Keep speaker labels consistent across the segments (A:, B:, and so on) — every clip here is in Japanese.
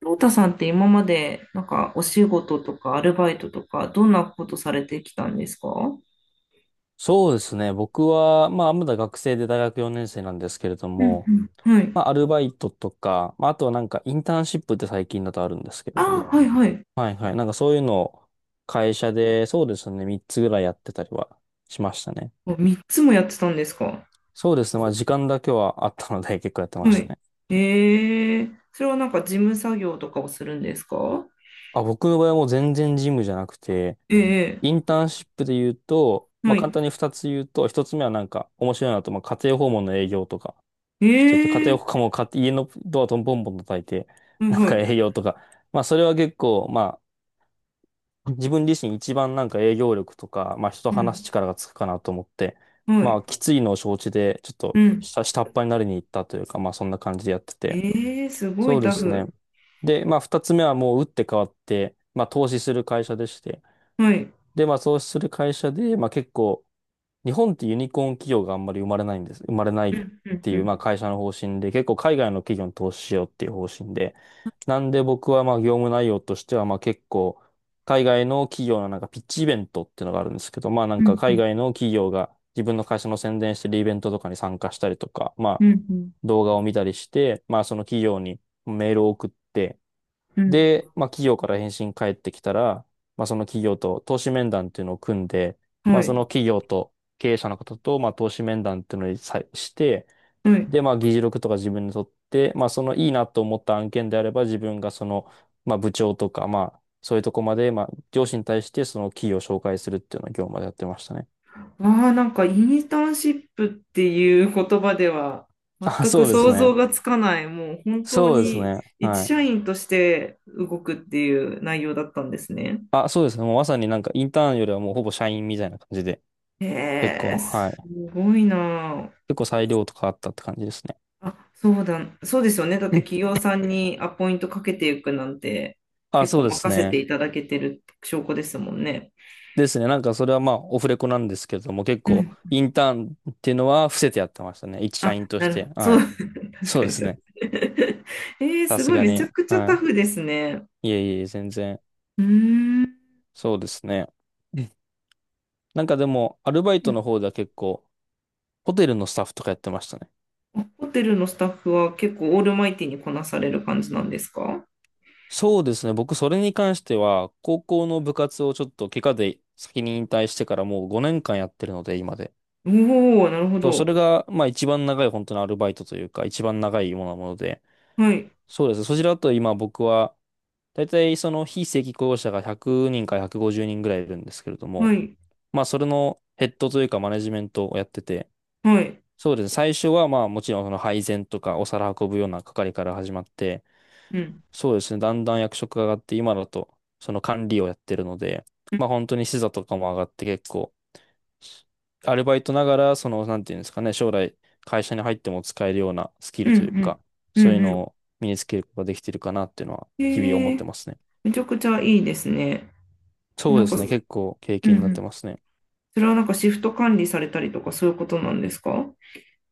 A: ロータさんって今まで、なんかお仕事とかアルバイトとか、どんなことされてきたんですか？は
B: そうですね。僕は、まあ、まだ学生で大学4年生なんですけれど
A: う
B: も、
A: んうん。い。
B: まあ、アルバイトとか、まあ、あとはなんかインターンシップって最近だとあるんですけれど
A: あー、
B: も、
A: はいはい。
B: はいはい。なんかそういうのを会社で、そうですね、3つぐらいやってたりはしましたね。
A: 3つもやってたんですか？
B: そうですね。まあ、時間だけはあったので結構やってま
A: は
B: した
A: い。
B: ね。
A: ええ、それはなんか事務作業とかをするんですか？
B: あ、僕の場合はもう全然ジムじゃなくて、
A: ええ、
B: インターンシップで言うと、ま
A: は
B: あ、簡単
A: い。
B: に2つ言うと、1つ目はなんか面白いなと、まあ、家庭訪問の営業とかしてて、家
A: え
B: 庭
A: え、
B: 訪問もか家のドアトンボンボン叩いて、
A: はい
B: なん
A: は
B: か
A: い。
B: 営業とか、まあ、それは結構、まあ、自分自身一番なんか営業力とか、まあ、人と
A: う
B: 話す
A: ん。
B: 力がつくかなと思って、
A: は
B: ま
A: い。
B: あ、きついのを承知で、ちょっ
A: う
B: と
A: ん。
B: 下っ端になりに行ったというか、まあ、そんな感じでやってて。
A: ええ、すご
B: そ
A: い
B: うで
A: タ
B: すね。
A: フ。
B: で、まあ、2つ目はもう打って変わって、まあ、投資する会社でして、
A: はい。
B: で、まあ、投資する会社で、まあ、結構、日本ってユニコーン企業があんまり生まれないんです。生まれない
A: う
B: っ
A: んうん
B: て
A: う
B: いう、まあ
A: ん。
B: 会社の方針で、結構海外の企業に投資しようっていう方針で、なんで僕はまあ業務内容としては、まあ結構、海外の企業のなんかピッチイベントっていうのがあるんですけど、まあなん
A: う
B: か海
A: ん
B: 外の企業が自分の会社の宣伝してるイベントとかに参加したりとか、ま
A: う
B: あ
A: ん
B: 動画を見たりして、まあその企業にメールを送って、
A: うん
B: で、まあ、企業から返信返ってきたら、まあ、その企業と投資面談っていうのを組んで、
A: うん。は
B: まあ、その
A: い。
B: 企業と経営者の方と、まあ、投資面談っていうのにさして、
A: はい。
B: で、まあ、議事録とか自分で取って、まあ、そのいいなと思った案件であれば、自分がその、まあ、部長とか、まあ、そういうとこまで、まあ、上司に対してその企業を紹介するっていうのを業務までやってましたね。
A: ああ、なんかインターンシップっていう言葉では
B: あ、
A: 全く
B: そうです
A: 想そう、像
B: ね。
A: がつかない、もう本当そう、
B: そうです
A: に
B: ね。
A: 一
B: は
A: 社
B: い。
A: 員として動くっていう内容だったんですね。
B: あ、そうですね。もうまさになんかインターンよりはもうほぼ社員みたいな感じで、
A: へ
B: 結構、
A: え、
B: は
A: す
B: い。
A: ごいな
B: 結構裁量とかあったって感じですね。
A: あ。あ、そうだ、そうですよね。だっ
B: う
A: て
B: ん
A: 企業さんにアポイントかけていくなんて
B: あ、
A: 結
B: そ
A: 構
B: うです
A: 任せて
B: ね。
A: いただけてる証拠ですもんね。
B: ですね。なんかそれはまあオフレコなんですけれども、結
A: う
B: 構
A: ん。
B: インターンっていうのは伏せてやってましたね。一社
A: あ、
B: 員と
A: な
B: し
A: るほ
B: て。
A: ど。そ
B: は
A: う、
B: い。
A: 確
B: そう
A: か
B: で
A: に
B: す
A: そ
B: ね。
A: う。
B: さ
A: す
B: す
A: ごい、
B: が
A: めち
B: に。
A: ゃくちゃタ
B: は
A: フですね。
B: い。いえいえ、全然。
A: うーん。
B: そうですね。うん。なんかでも、アルバイトの方では結構、ホテルのスタッフとかやってましたね。
A: ホテルのスタッフは結構オールマイティにこなされる感じなんですか？
B: そうですね。僕、それに関しては、高校の部活をちょっと怪我で先に引退してからもう5年間やってるので、今で。
A: おおー、なるほ
B: そう、それ
A: ど。
B: が、まあ一番長い本当のアルバイトというか、一番長いものなもので。
A: はい、
B: そうです。そちらだと今僕は、大体その非正規雇用者が100人から150人ぐらいいるんですけれど
A: は
B: も、
A: い、
B: まあそれのヘッドというかマネジメントをやってて、
A: はい。
B: そうですね。最初はまあもちろんその配膳とかお皿運ぶような係から始まって、
A: うん、
B: そうですね。だんだん役職が上がって今だとその管理をやってるので、
A: うん、
B: まあ本当に視座とかも上がって結構アルバイトながら、その、なんていうんですかね、将来会社に入っても使えるようなスキ
A: う
B: ル
A: ん、
B: というか、
A: うん、
B: そういう
A: う
B: の
A: ん。
B: を身につけることができてるかなっていうのは、日々
A: へ
B: 思っ
A: え、
B: てますね。
A: めちゃくちゃいいですね。
B: そう
A: な
B: で
A: んか、
B: す
A: う
B: ね、結構経
A: ん、う
B: 験になって
A: ん。
B: ますね。
A: それはなんかシフト管理されたりとかそういうことなんですか？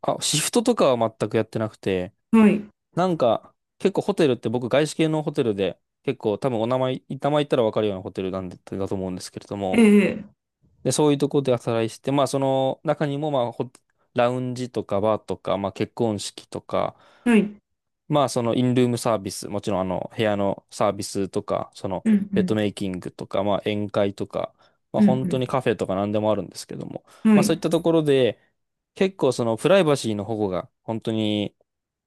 B: あ、シフトとかは全くやってなくて、
A: はい、
B: なんか、結構ホテルって僕、外資系のホテルで、結構多分お名前、名前言ったらわかるようなホテルなんで、だと思うんですけれど
A: え
B: も、
A: え、
B: で、そういうところで働いてて、まあ、その中にも、まあ、ホラウンジとかバーとか、まあ、結婚式とか、
A: はい、
B: まあ、そのインルームサービス、もちろんあの部屋のサービスとか、その
A: うん、う
B: ベッド
A: ん、
B: メイキングとか、まあ宴会とか、まあ
A: う
B: 本当に
A: ん、
B: カフェとか何でもあるんですけども、
A: うん、は
B: まあそ
A: い、
B: ういったところで、結構そのプライバシーの保護が本当に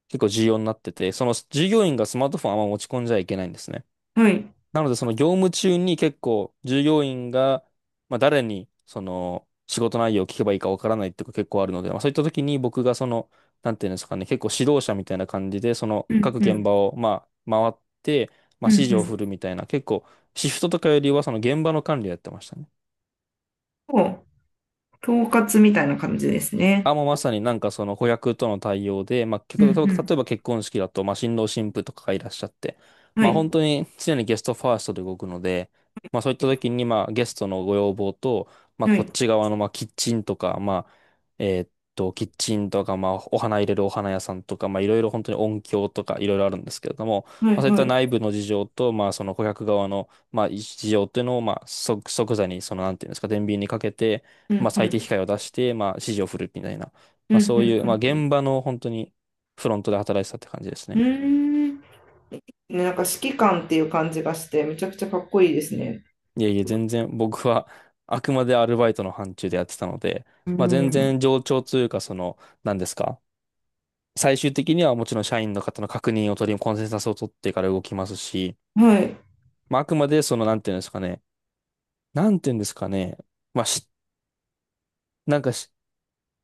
B: 結構重要になってて、その従業員がスマートフォンをあんま持ち込んじゃいけないんですね。
A: はい、
B: なので、その業務中に結構従業員が、まあ、誰にその仕事内容を聞けばいいかわからないっていうか結構あるので、まあ、そういった時に僕がその、なんていうんですかね、結構指導者みたいな感じで、その
A: うん、
B: 各
A: う
B: 現
A: ん、
B: 場をまあ回って、ま
A: う
B: あ、
A: ん、
B: 指
A: う
B: 示を
A: ん。
B: 振るみたいな、結構シフトとかよりはその現場の管理をやってましたね。
A: そう、統括みたいな感じですね。
B: あ、もうまさになんかその子役との対応で、まあ、結
A: うん、
B: 構例え
A: う
B: ば結婚式だと、まあ、新郎新婦とかがいらっしゃって、
A: ん、は
B: まあ、
A: い、
B: 本当に常にゲストファーストで動くので、まあ、そういった時に、まあ、ゲストのご要望と、まあ、
A: は
B: こっ
A: い、
B: ち側の、まあ、キッチンとか、まあ、えーっキッチンとか、まあ、お花入れるお花屋さんとか、まあ、いろいろ本当に音響とかいろいろあるんですけれども、
A: は
B: まあ、
A: い、
B: そういっ
A: は
B: た
A: い、
B: 内部の事情と、まあ、その顧客側の、まあ、事情っていうのを、まあ、即座に、その、なんていうんですか、天秤にかけて、
A: う
B: ま
A: ん、
B: あ、
A: う
B: 最
A: ん。
B: 適解を出して、まあ、指示を振るみたいな、
A: う
B: ま
A: ん
B: あ、
A: うんうん
B: そういう、まあ、
A: うん。
B: 現場の本当にフロントで働いてたって感じです
A: うー
B: ね。
A: ん。ね、なんか指揮官っていう感じがして、めちゃくちゃかっこいいですね。
B: いやいや全然僕はあくまでアルバイトの範疇でやってたので、
A: う
B: まあ、全
A: ん。
B: 然冗長というか、その、何ですか。最終的にはもちろん社員の方の確認を取り、コンセンサスを取ってから動きますし、
A: はい。はい。
B: まあ、あくまでその、なんていうんですかね、なんていうんですかね、まあ、し、なんかし、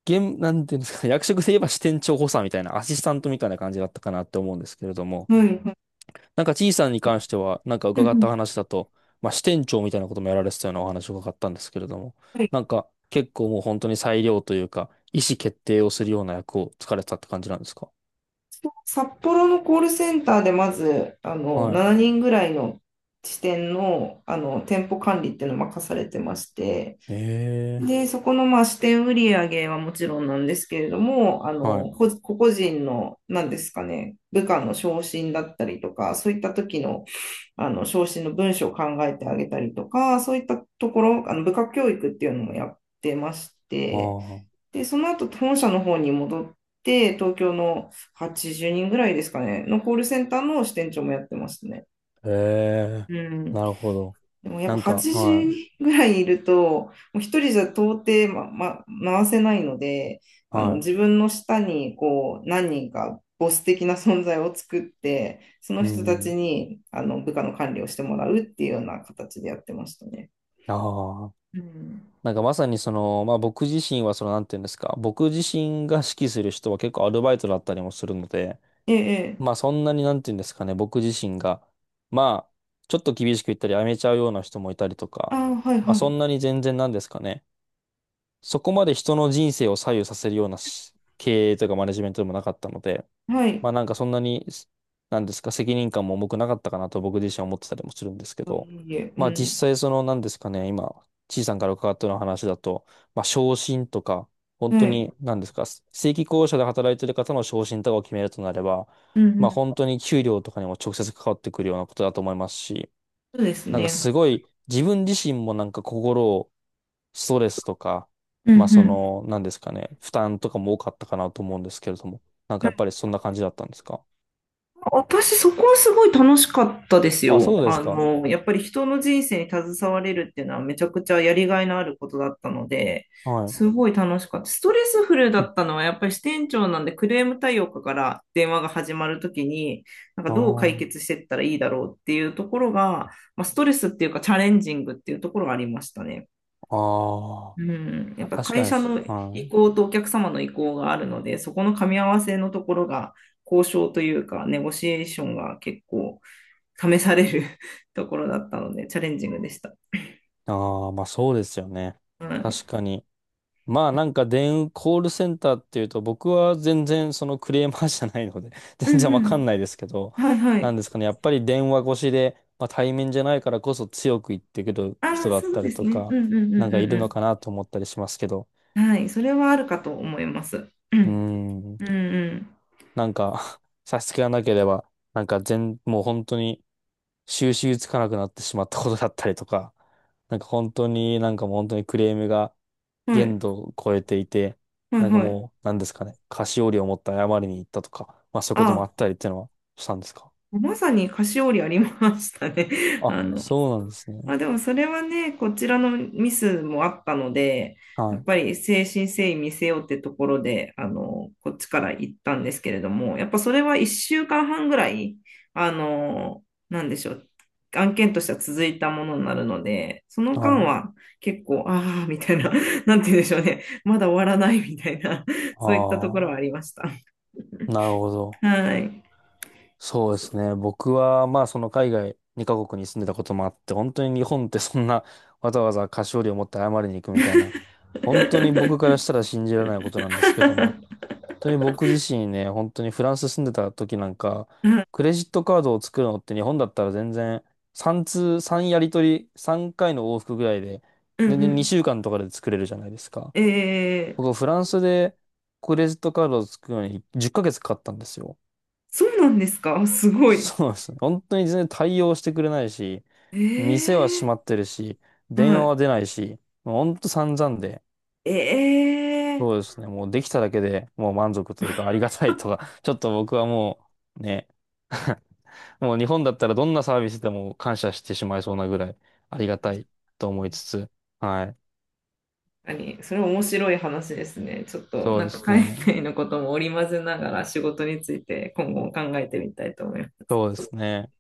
B: 現、なんていうんですかね、役職で言えば支店長補佐みたいな、アシスタントみたいな感じだったかなって思うんですけれども、
A: うん
B: なんか、ちいさんに関しては、なんか
A: う
B: 伺った
A: ん、
B: 話だと、まあ、支店長みたいなこともやられてたようなお話を伺ったんですけれども、
A: はい。
B: なんか、結構もう本当に裁量というか、意思決定をするような役をつかれてたって感じなんですか？
A: 札幌のコールセンターでまず、
B: は
A: 7人ぐらいの支店の、店舗管理っていうのを任されてまして、
B: い。え
A: で、
B: え。
A: そこのまあ支店売上はもちろんなんですけれども、
B: はい。
A: 個々人の、なんですかね、部下の昇進だったりとか、そういった時の、昇進の文章を考えてあげたりとか、そういったところ、部下教育っていうのもやってまし
B: あ
A: て、
B: あ。
A: で、その後、本社の方に戻って、東京の80人ぐらいですかね、のコールセンターの支店長もやってますね。
B: ええ。
A: うん。
B: なるほど。
A: でもやっ
B: な
A: ぱ
B: んか、
A: 8
B: は
A: 時ぐらいいると、もう一人じゃ到底、回せないので、
B: い、は
A: 自分の下にこう何人かボス的な存在を作って、そ
B: い、
A: の
B: う
A: 人たち
B: ん、
A: に部下の管理をしてもらうっていうような形でやってましたね。
B: ああ。
A: うん、
B: なんかまさにその、まあ僕自身はその、なんていうんですか、僕自身が指揮する人は結構アルバイトだったりもするので、
A: ええ、え
B: まあ
A: え、
B: そんなになんて言うんですかね、僕自身が、まあ、ちょっと厳しく言ったり、やめちゃうような人もいたりと
A: あ
B: か、
A: あ、はい
B: まあ
A: は
B: そ
A: い。
B: んなに全然なんですかね、そこまで人の人生を左右させるような経営とかマネジメントでもなかったので、
A: はい。
B: まあなんかそんなに、なんですか、責任感も重くなかったかなと僕自身は思ってたりもするんですけ
A: あ、
B: ど、
A: いいえ、う
B: まあ実
A: ん。
B: 際そのなんですかね、今、ちいさんから伺ったような話だと、まあ昇進とか、本
A: は
B: 当
A: い。
B: になんですか、正規雇用者で働いてる方の昇進とかを決めるとなれば、
A: うんう
B: まあ
A: ん。
B: 本当に給料とかにも直接関わってくるようなことだと思いますし、
A: そうです
B: なんか
A: ね。
B: すごい自分自身もなんかストレスとか、
A: うん
B: まあ
A: う
B: そ
A: ん。
B: の、なんですかね、負担とかも多かったかなと思うんですけれども、なんかやっぱりそんな感じだったんですか？
A: 私、そこはすごい楽しかったです
B: あ、
A: よ。
B: そうですか。
A: やっぱり人の人生に携われるっていうのはめちゃくちゃやりがいのあることだったので、
B: はい。
A: すごい楽しかった。ストレスフルだったのはやっぱり支店長なんで、クレーム対応課から電話が始まるときに、なんか
B: あ
A: どう解
B: ー、
A: 決していったらいいだろうっていうところが、まあ、ストレスっていうかチャレンジングっていうところがありましたね。
B: あー、
A: うん、や
B: あ、
A: っぱ
B: 確か
A: 会
B: にで
A: 社
B: す。
A: の
B: は
A: 意
B: い。
A: 向とお客様の意向があるので、そこの噛み合わせのところが交渉というか、ネゴシエーションが結構試される ところだったので、チャレンジングでした。
B: ああ、まあそうですよね。
A: はい。
B: 確かに。まあなんかコールセンターっていうと、僕は全然そのクレーマーじゃないので
A: うん
B: 全然わ
A: う
B: かん
A: ん。
B: ないですけど、
A: はいは
B: なん
A: い。
B: ですかね。やっぱり電話越しで、まあ対面じゃないからこそ強く言ってくる
A: あ
B: 人
A: あ、
B: だっ
A: そう
B: た
A: で
B: り
A: す
B: と
A: ね。う
B: か、
A: んうんう
B: なん
A: ん
B: かいる
A: う
B: の
A: ん
B: かなと思ったりしますけど。
A: うん。はい。それはあるかと思います。う
B: うー
A: ん。
B: ん。
A: うん
B: なんか 差し支えがなければ、なんか全、もう本当に収拾つかなくなってしまったことだったりとか、なんか本当になんかもう本当にクレームが
A: うん。は
B: 限
A: い。
B: 度を超えていて、
A: はい
B: なんか
A: はい。
B: もう、なんですかね、菓子折りを持って謝りに行ったとか、まあそういうこと
A: あ
B: もあったりっていうのはしたんですか？
A: あ、まさに菓子折りありましたね。
B: あ、
A: あの、
B: そうなんです
A: ま
B: ね。
A: あでもそれはね、こちらのミスもあったので、
B: は
A: やっ
B: い。
A: ぱり誠心誠意見せようってところで、こっちから行ったんですけれども、やっぱそれは1週間半ぐらい、なんでしょう、案件としては続いたものになるので、その
B: は
A: 間
B: い。
A: は結構、ああ、みたいな、なんて言うんでしょうね、まだ終わらないみたいな、そういったところは
B: あ
A: ありました。
B: あ、なるほど。
A: はい。
B: そうですね。僕は、まあ、その海外2カ国に住んでたこともあって、本当に日本ってそんなわざわざ菓子折りを持って謝りに行くみたいな、本当に僕からしたら信じられないことなんですけども、本当に僕自身ね、本当にフランス住んでた時なんか、クレジットカードを作るのって日本だったら全然3通、3やり取り、3回の往復ぐらいで、
A: うん
B: 全然
A: う
B: 2週間とかで作れるじゃないですか。
A: ん。え
B: 僕
A: ー、
B: はフランスでクレジットカードを作るのに10ヶ月かげつかかったんですよ。
A: そうなんですか？すごい。
B: そうですね。本当に全然対応してくれないし、店は閉
A: ええ、
B: まってるし、電
A: は
B: 話
A: い。
B: は出ないし、もう本当散々で、
A: ええ、
B: そうですね。もうできただけでもう満足というかありがたいとか、ちょっと僕はもうね、もう日本だったらどんなサービスでも感謝してしまいそうなぐらいありがたいと思いつつ、はい。
A: 確かにそれ面白い話ですね。ちょっと
B: そう
A: な
B: で
A: んか
B: す
A: 海
B: ね。
A: 外のことも織り交ぜながら仕事について今後も考えてみたいと思いま
B: そうで
A: す。
B: すね。